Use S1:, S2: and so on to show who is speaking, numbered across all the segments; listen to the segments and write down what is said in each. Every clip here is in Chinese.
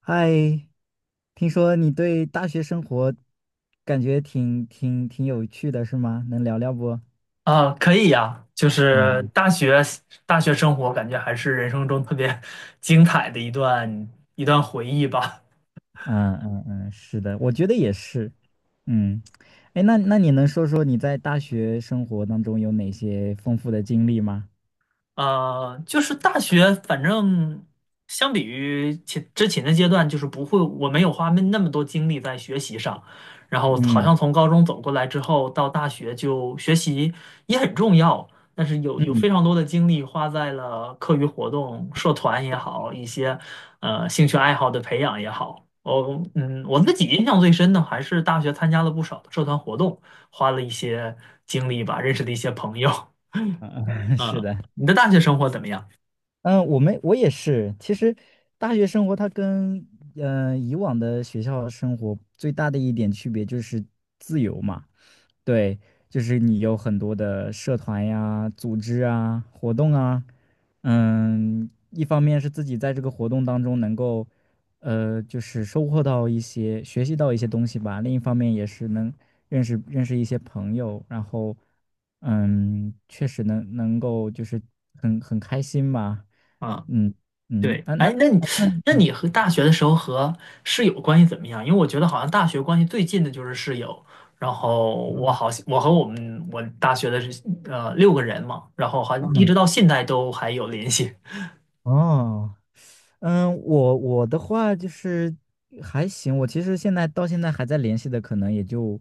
S1: 嗨，听说你对大学生活感觉挺有趣的，是吗？能聊聊不？
S2: 啊，可以呀，就是
S1: 嗯
S2: 大学生活，感觉还是人生中特别 精彩的一段回忆吧。
S1: 嗯嗯嗯，是的，我觉得也是。嗯。哎，那你能说说你在大学生活当中有哪些丰富的经历吗？
S2: 就是大学，反正相比于之前的阶段，就是不会，我没有花那么多精力在学习上。然后好
S1: 嗯
S2: 像从高中走过来之后，到大学就学习也很重要，但是有非
S1: 嗯
S2: 常多的精力花在了课余活动、社团也好，一些兴趣爱好的培养也好。我我自己印象最深的还是大学参加了不少的社团活动，花了一些精力吧，认识了一些朋友。
S1: 嗯，嗯 是
S2: 嗯，
S1: 的。
S2: 你的大学生活怎么样？
S1: 嗯，我也是。其实大学生活它跟以往的学校生活最大的一点区别就是自由嘛。对，就是你有很多的社团呀、组织啊、活动啊。嗯，一方面是自己在这个活动当中能够，就是收获到一些、学习到一些东西吧；另一方面也是能认识认识一些朋友。然后，嗯，确实能够就是很开心吧。
S2: 啊，
S1: 嗯嗯，
S2: 对，
S1: 啊那
S2: 哎，那你
S1: 啊那
S2: 那你和大学的时候和室友关系怎么样？因为我觉得好像大学关系最近的就是室友，然后我
S1: 嗯，
S2: 好像我和我们我大学的是六个人嘛，然后好像一直
S1: 嗯
S2: 到现在都还有联系
S1: 哦。嗯，我的话就是还行。我其实现在到现在还在联系的，可能也就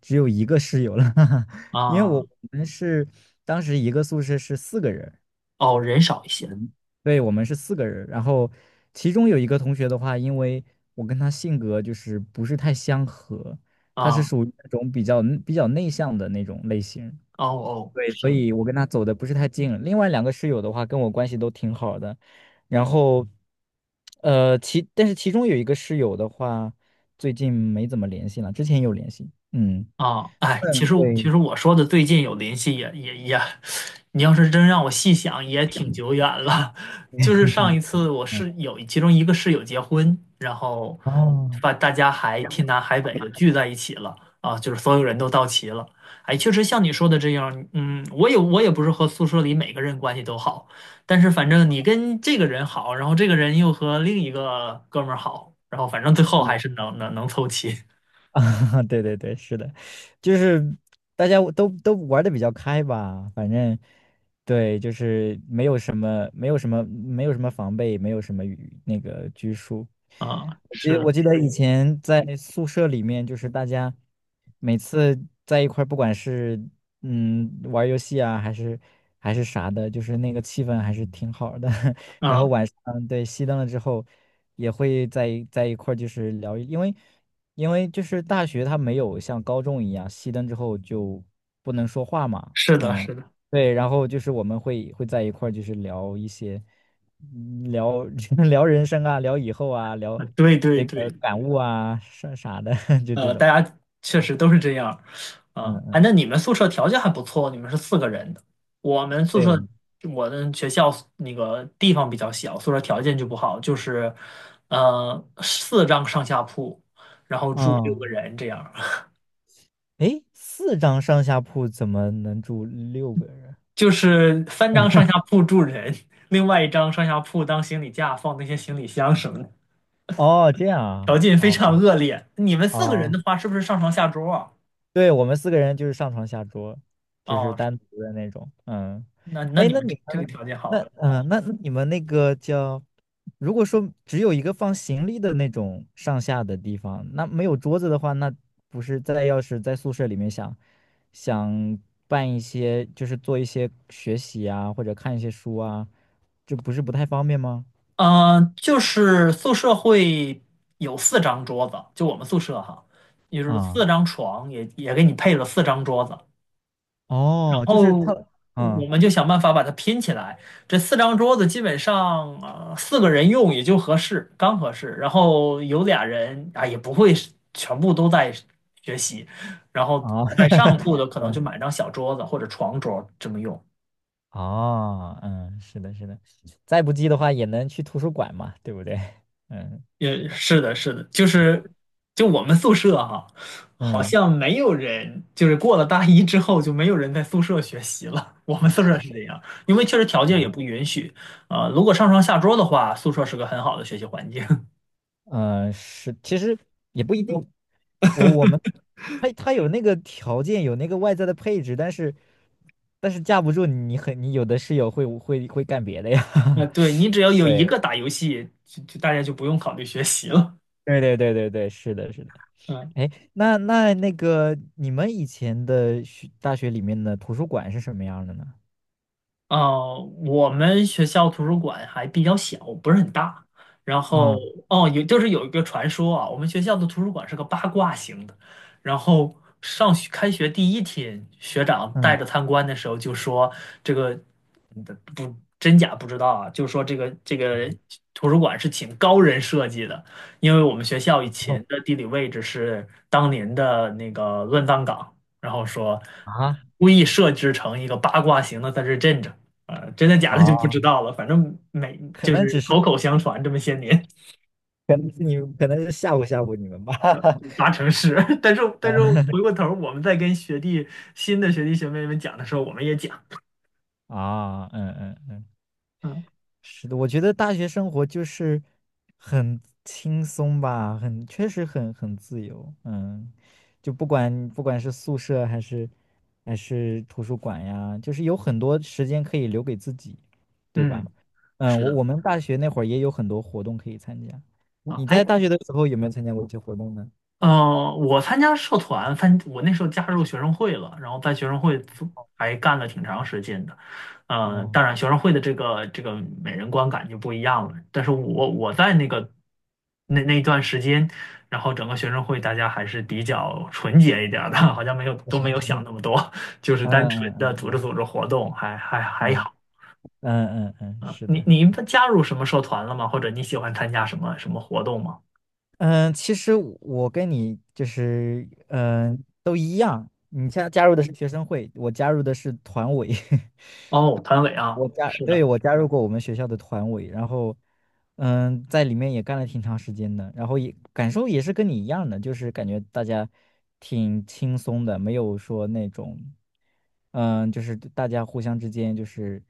S1: 只有一个室友了，哈哈。因为我
S2: 啊。
S1: 我们是当时一个宿舍是四个人。
S2: 哦，人少一些
S1: 对，我们是四个人，然后其中有一个同学的话，因为我跟他性格就是不是太相合。他是
S2: 啊。
S1: 属于那种比较内向的那种类型。
S2: 哦哦，
S1: 对，
S2: 是
S1: 所以我跟他走的不是太近。另外两个室友的话，跟我关系都挺好的。然后，但是其中有一个室友的话，最近没怎么联系了，之前有联系。嗯，
S2: 啊，哎，其
S1: 嗯，
S2: 实其
S1: 对。
S2: 实我说的最近有联系也也也，你要是真让我细想，也挺久远了。就是
S1: 挺
S2: 上
S1: 久
S2: 一
S1: 的。
S2: 次我
S1: 嗯，
S2: 室友其中一个室友结婚，然后
S1: 哦，
S2: 把大家还
S1: 这样。
S2: 天南海北的聚在一起了啊，就是所有人都到齐了。哎，确实像你说的这样，嗯，我也不是和宿舍里每个人关系都好，但是反正你跟这个人好，然后这个人又和另一个哥们儿好，然后反正最后还是能凑齐
S1: 对对对，是的，就是大家都玩的比较开吧。反正对，就是没有什么防备，没有什么与那个拘束。
S2: 啊，
S1: 我记
S2: 是
S1: 得我
S2: 的。
S1: 记得以前在宿舍里面，就是大家每次在一块儿，不管是玩游戏啊，还是啥的，就是那个气氛还是挺好的。然后
S2: 嗯
S1: 晚上，对，熄灯了之后，也会在一块儿就是聊，因为。因为就是大学它没有像高中一样熄灯之后就不能说话嘛。
S2: 是的，
S1: 嗯，
S2: 是的，
S1: 对，然后就是我们会在一块儿就是聊一些，聊 聊人生啊，聊以后啊，聊
S2: 呃对对
S1: 那
S2: 对，
S1: 个感悟啊，啥啥的。就这
S2: 呃，
S1: 种。
S2: 大家确实都是这样儿，
S1: 嗯
S2: 啊，哎，
S1: 嗯，
S2: 那你们宿舍条件还不错，你们是四个人的，我们宿
S1: 对，
S2: 舍，
S1: 我们，
S2: 我的学校那个地方比较小，宿舍条件就不好，就是，呃，4张上下铺，然后住六个
S1: 嗯，
S2: 人这样儿
S1: 诶，四张上下铺怎么能住六个人？
S2: 就是3张上下铺住人，另外一张上下铺当行李架放那些行李箱什么的，
S1: 哦，这样
S2: 条
S1: 啊，
S2: 件非常
S1: 哦
S2: 恶劣。你们四个人的
S1: 哦。
S2: 话，是不是上床下桌啊？
S1: 对，我们四个人就是上床下桌，就是
S2: 哦，
S1: 单独的那种。嗯，
S2: 那那
S1: 哎，
S2: 你
S1: 那
S2: 们
S1: 你
S2: 这这个
S1: 们，
S2: 条件
S1: 那
S2: 好，
S1: 那你们那个叫，如果说只有一个放行李的那种上下的地方，那没有桌子的话，那不是在要是在宿舍里面想办一些，就是做一些学习啊，或者看一些书啊，这不是不太方便吗？
S2: 嗯、就是宿舍会有四张桌子，就我们宿舍哈，就是
S1: 啊、
S2: 4张床也，也给你配了四张桌子，然
S1: 哦，就是他，
S2: 后我
S1: 嗯
S2: 们就想办法把它拼起来。这四张桌子基本上四个人用也就合适，刚合适。然后有俩人啊也不会是全部都在学习，然后
S1: 啊。
S2: 在 上铺的可能就买张小桌子或者床桌这么用。
S1: 哦，嗯，是的，是的，再不济的话也能去图书馆嘛，对不对？嗯，是
S2: 也
S1: 的，
S2: 是的，是的，就我们宿舍哈、好
S1: 嗯
S2: 像没有人，就是过了大一之后就没有人在宿舍学习了。我们宿舍是这样，因为确实条件也
S1: 嗯
S2: 不允许如果上床下桌的话，宿舍是个很好的学习环境。
S1: 嗯，是，其实也不一定。我我们，他有那个条件，有那个外在的配置，但是架不住你很，你有的室友会干别的呀。
S2: 那 对你只要有一
S1: 对
S2: 个打游戏，就大家就不用考虑学习了。
S1: 对对对对对，是的，是的。
S2: 嗯
S1: 哎，那个你们以前的大学里面的图书馆是什么样的呢？
S2: 呃，我们学校图书馆还比较小，不是很大。然后
S1: 嗯
S2: 哦，就是有一个传说啊，我们学校的图书馆是个八卦型的。然后上学开学第一天，学长带
S1: 嗯，
S2: 着参观的时候就说这个嗯不真假不知道啊，就说这个图书馆是请高人设计的，因为我们学校以
S1: 哦
S2: 前的地理位置是当年的那个乱葬岗，然后说
S1: 啊。
S2: 故意设置成一个八卦型的在这镇着。啊，真的假的就不知
S1: 啊
S2: 道了，反正每
S1: 可
S2: 就
S1: 能
S2: 是
S1: 只是，
S2: 口口相传这么些年，
S1: 可能是你，可能是吓唬吓唬你们吧。
S2: 呃 八成是。但是回过头儿，我们在跟新的学弟学妹们讲的时候，我们也讲，
S1: 啊，嗯嗯嗯，
S2: 嗯
S1: 是的，我觉得大学生活就是很轻松吧，很，确实很自由。嗯，就不管是宿舍还是图书馆呀，就是有很多时间可以留给自己，对
S2: 嗯，
S1: 吧？嗯，
S2: 是
S1: 我
S2: 的
S1: 我们大学那会儿也有很多活动可以参加。
S2: 啊，
S1: 你在
S2: 哎，
S1: 大学的时候有没有参加过一些活动呢？
S2: 嗯，我参加社团，我那时候加入学生会了，然后在学生会做还干了挺长时间的。嗯，
S1: 哦，
S2: 当然学生会的这个每人观感就不一样了。但是我在那个那一段时间，然后整个学生会大家还是比较纯洁一点儿的，好像
S1: 我
S2: 没
S1: 想
S2: 有
S1: 起，
S2: 想
S1: 嗯
S2: 那么多，就是单纯
S1: 嗯嗯
S2: 的组织
S1: 嗯。
S2: 组织活动，还
S1: 嗯
S2: 好。
S1: 嗯嗯嗯，
S2: 嗯，
S1: 是
S2: 你
S1: 的，
S2: 你加入什么社团了吗？或者你喜欢参加什么活动吗？
S1: 嗯，其实我跟你就是都一样，你加入的是学生会，我加入的是团委。
S2: 哦，团委啊，是
S1: 对，
S2: 的。
S1: 我加入过我们学校的团委，然后在里面也干了挺长时间的。然后也感受也是跟你一样的，就是感觉大家挺轻松的，没有说那种就是大家互相之间就是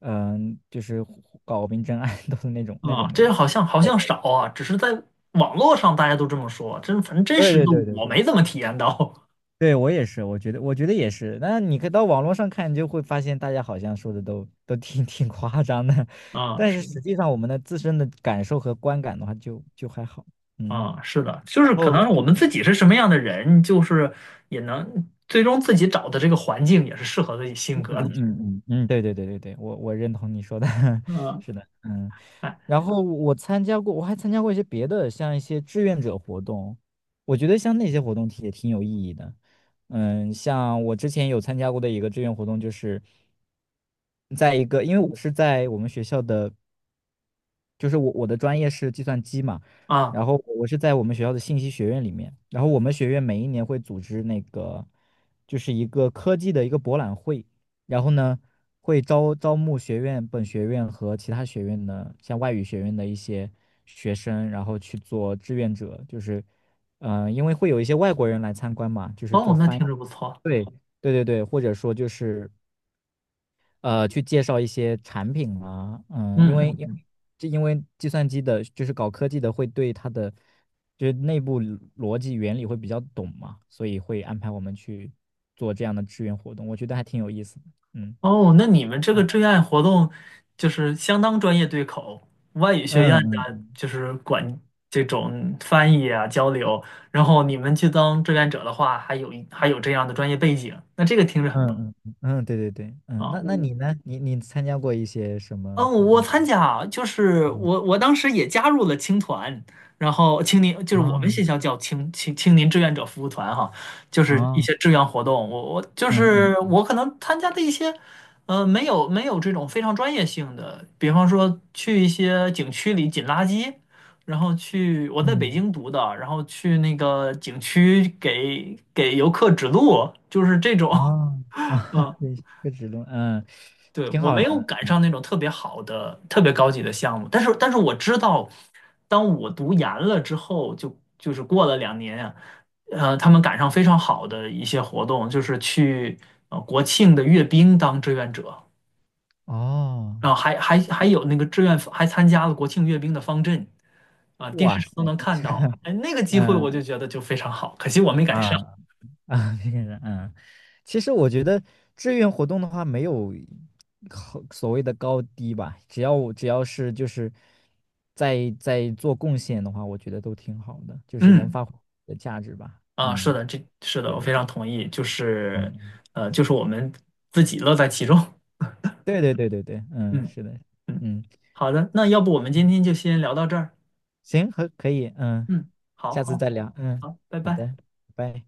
S1: 就是搞明争 暗斗的那种那
S2: 啊，
S1: 种没
S2: 这
S1: 有。
S2: 好像好像少啊，只是在网络上大家都这么说，反正真
S1: 对
S2: 实的
S1: 对对对对
S2: 我
S1: 对
S2: 没怎么体验到。
S1: 对，我也是，我觉得也是。那你可以到网络上看，你就会发现大家好像说的都挺夸张的，
S2: 啊，
S1: 但是
S2: 是
S1: 实际上我们的自身的感受和观感的话就还好。嗯，
S2: 啊，是的，就是可
S1: 哦，
S2: 能我们自己是什么样的人，就是也能最终自己找的这个环境也是适合自己性
S1: 嗯
S2: 格的。
S1: 嗯嗯嗯，对对对对对，我认同你说的。
S2: 嗯，
S1: 是的，嗯。
S2: 哎
S1: 然后我还参加过一些别的，像一些志愿者活动，我觉得像那些活动也挺有意义的。嗯，像我之前有参加过的一个志愿活动，就是在一个，因为我是在我们学校的。就是我的专业是计算机嘛，
S2: 啊，
S1: 然后我是在我们学校的信息学院里面，然后我们学院每一年会组织那个就是一个科技的一个博览会。然后呢会招募本学院和其他学院的像外语学院的一些学生，然后去做志愿者，就是因为会有一些外国人来参观嘛，就是做
S2: 哦，那
S1: 翻译。
S2: 听着不错。
S1: 对对对对，或者说就是。呃，去介绍一些产品啊。嗯，
S2: 嗯嗯嗯。
S1: 因为计算机的，就是搞科技的，会对它的就是内部逻辑原理会比较懂嘛，所以会安排我们去做这样的志愿活动，我觉得还挺有意思的。嗯
S2: 哦，那你们这个
S1: 嗯
S2: 志愿活动就是相当专业对口，外语学院
S1: 嗯
S2: 的
S1: 嗯
S2: 就是管这种翻译啊交流，然后你们去当志愿者的话，还有这样的专业背景，那这个听着很棒
S1: 嗯嗯，嗯，对对对，嗯，
S2: 啊！
S1: 那你呢？你参加过一些什么
S2: 嗯，
S1: 活
S2: 我
S1: 动？
S2: 参加啊，就是我
S1: 嗯
S2: 我当时也加入了青团，然后青年就是我们
S1: 啊
S2: 学校叫青年志愿者服务团哈，就是一
S1: 啊
S2: 些志愿活动。我我就
S1: 嗯
S2: 是
S1: 嗯
S2: 我可能参加的一些，呃，没有这种非常专业性的，比方说去一些景区里捡垃圾，然后去我在北
S1: 嗯
S2: 京读的，然后去那个景区给游客指路，就是这种，
S1: 啊啊，对，科职论，嗯，
S2: 对，
S1: 挺
S2: 我
S1: 好
S2: 没
S1: 的
S2: 有赶上那种特别好的、特别高级的项目，但是，但是我知道，当我读研了之后，就是过了2年呀，呃，他们赶上非常好的一些活动，就是去国庆的阅兵当志愿者，
S1: 哦。
S2: 然后还有那个志愿还参加了国庆阅兵的方阵啊，电视
S1: 哇
S2: 上都
S1: 塞，
S2: 能看到，哎，那个机会我就
S1: 嗯
S2: 觉得就非常好，可惜我没赶上。
S1: 啊啊，这个人，嗯，其实我觉得志愿活动的话，没有好所谓的高低吧，只要是就是在做贡献的话，我觉得都挺好的，就是能
S2: 嗯，
S1: 发挥自己的价值吧。
S2: 啊，是
S1: 嗯，
S2: 的，这是的，
S1: 对
S2: 我
S1: 对
S2: 非
S1: 对，
S2: 常同意，就是
S1: 嗯，
S2: 呃，就是我们自己乐在其中。
S1: 对对对对对，嗯，
S2: 嗯。
S1: 是的，
S2: 嗯，
S1: 嗯，
S2: 好的，那要不我们今天就先聊到这儿。
S1: 行，可以，嗯，
S2: 嗯，好
S1: 下次
S2: 好
S1: 再聊，嗯，
S2: 好，拜
S1: 好
S2: 拜。
S1: 的，拜拜。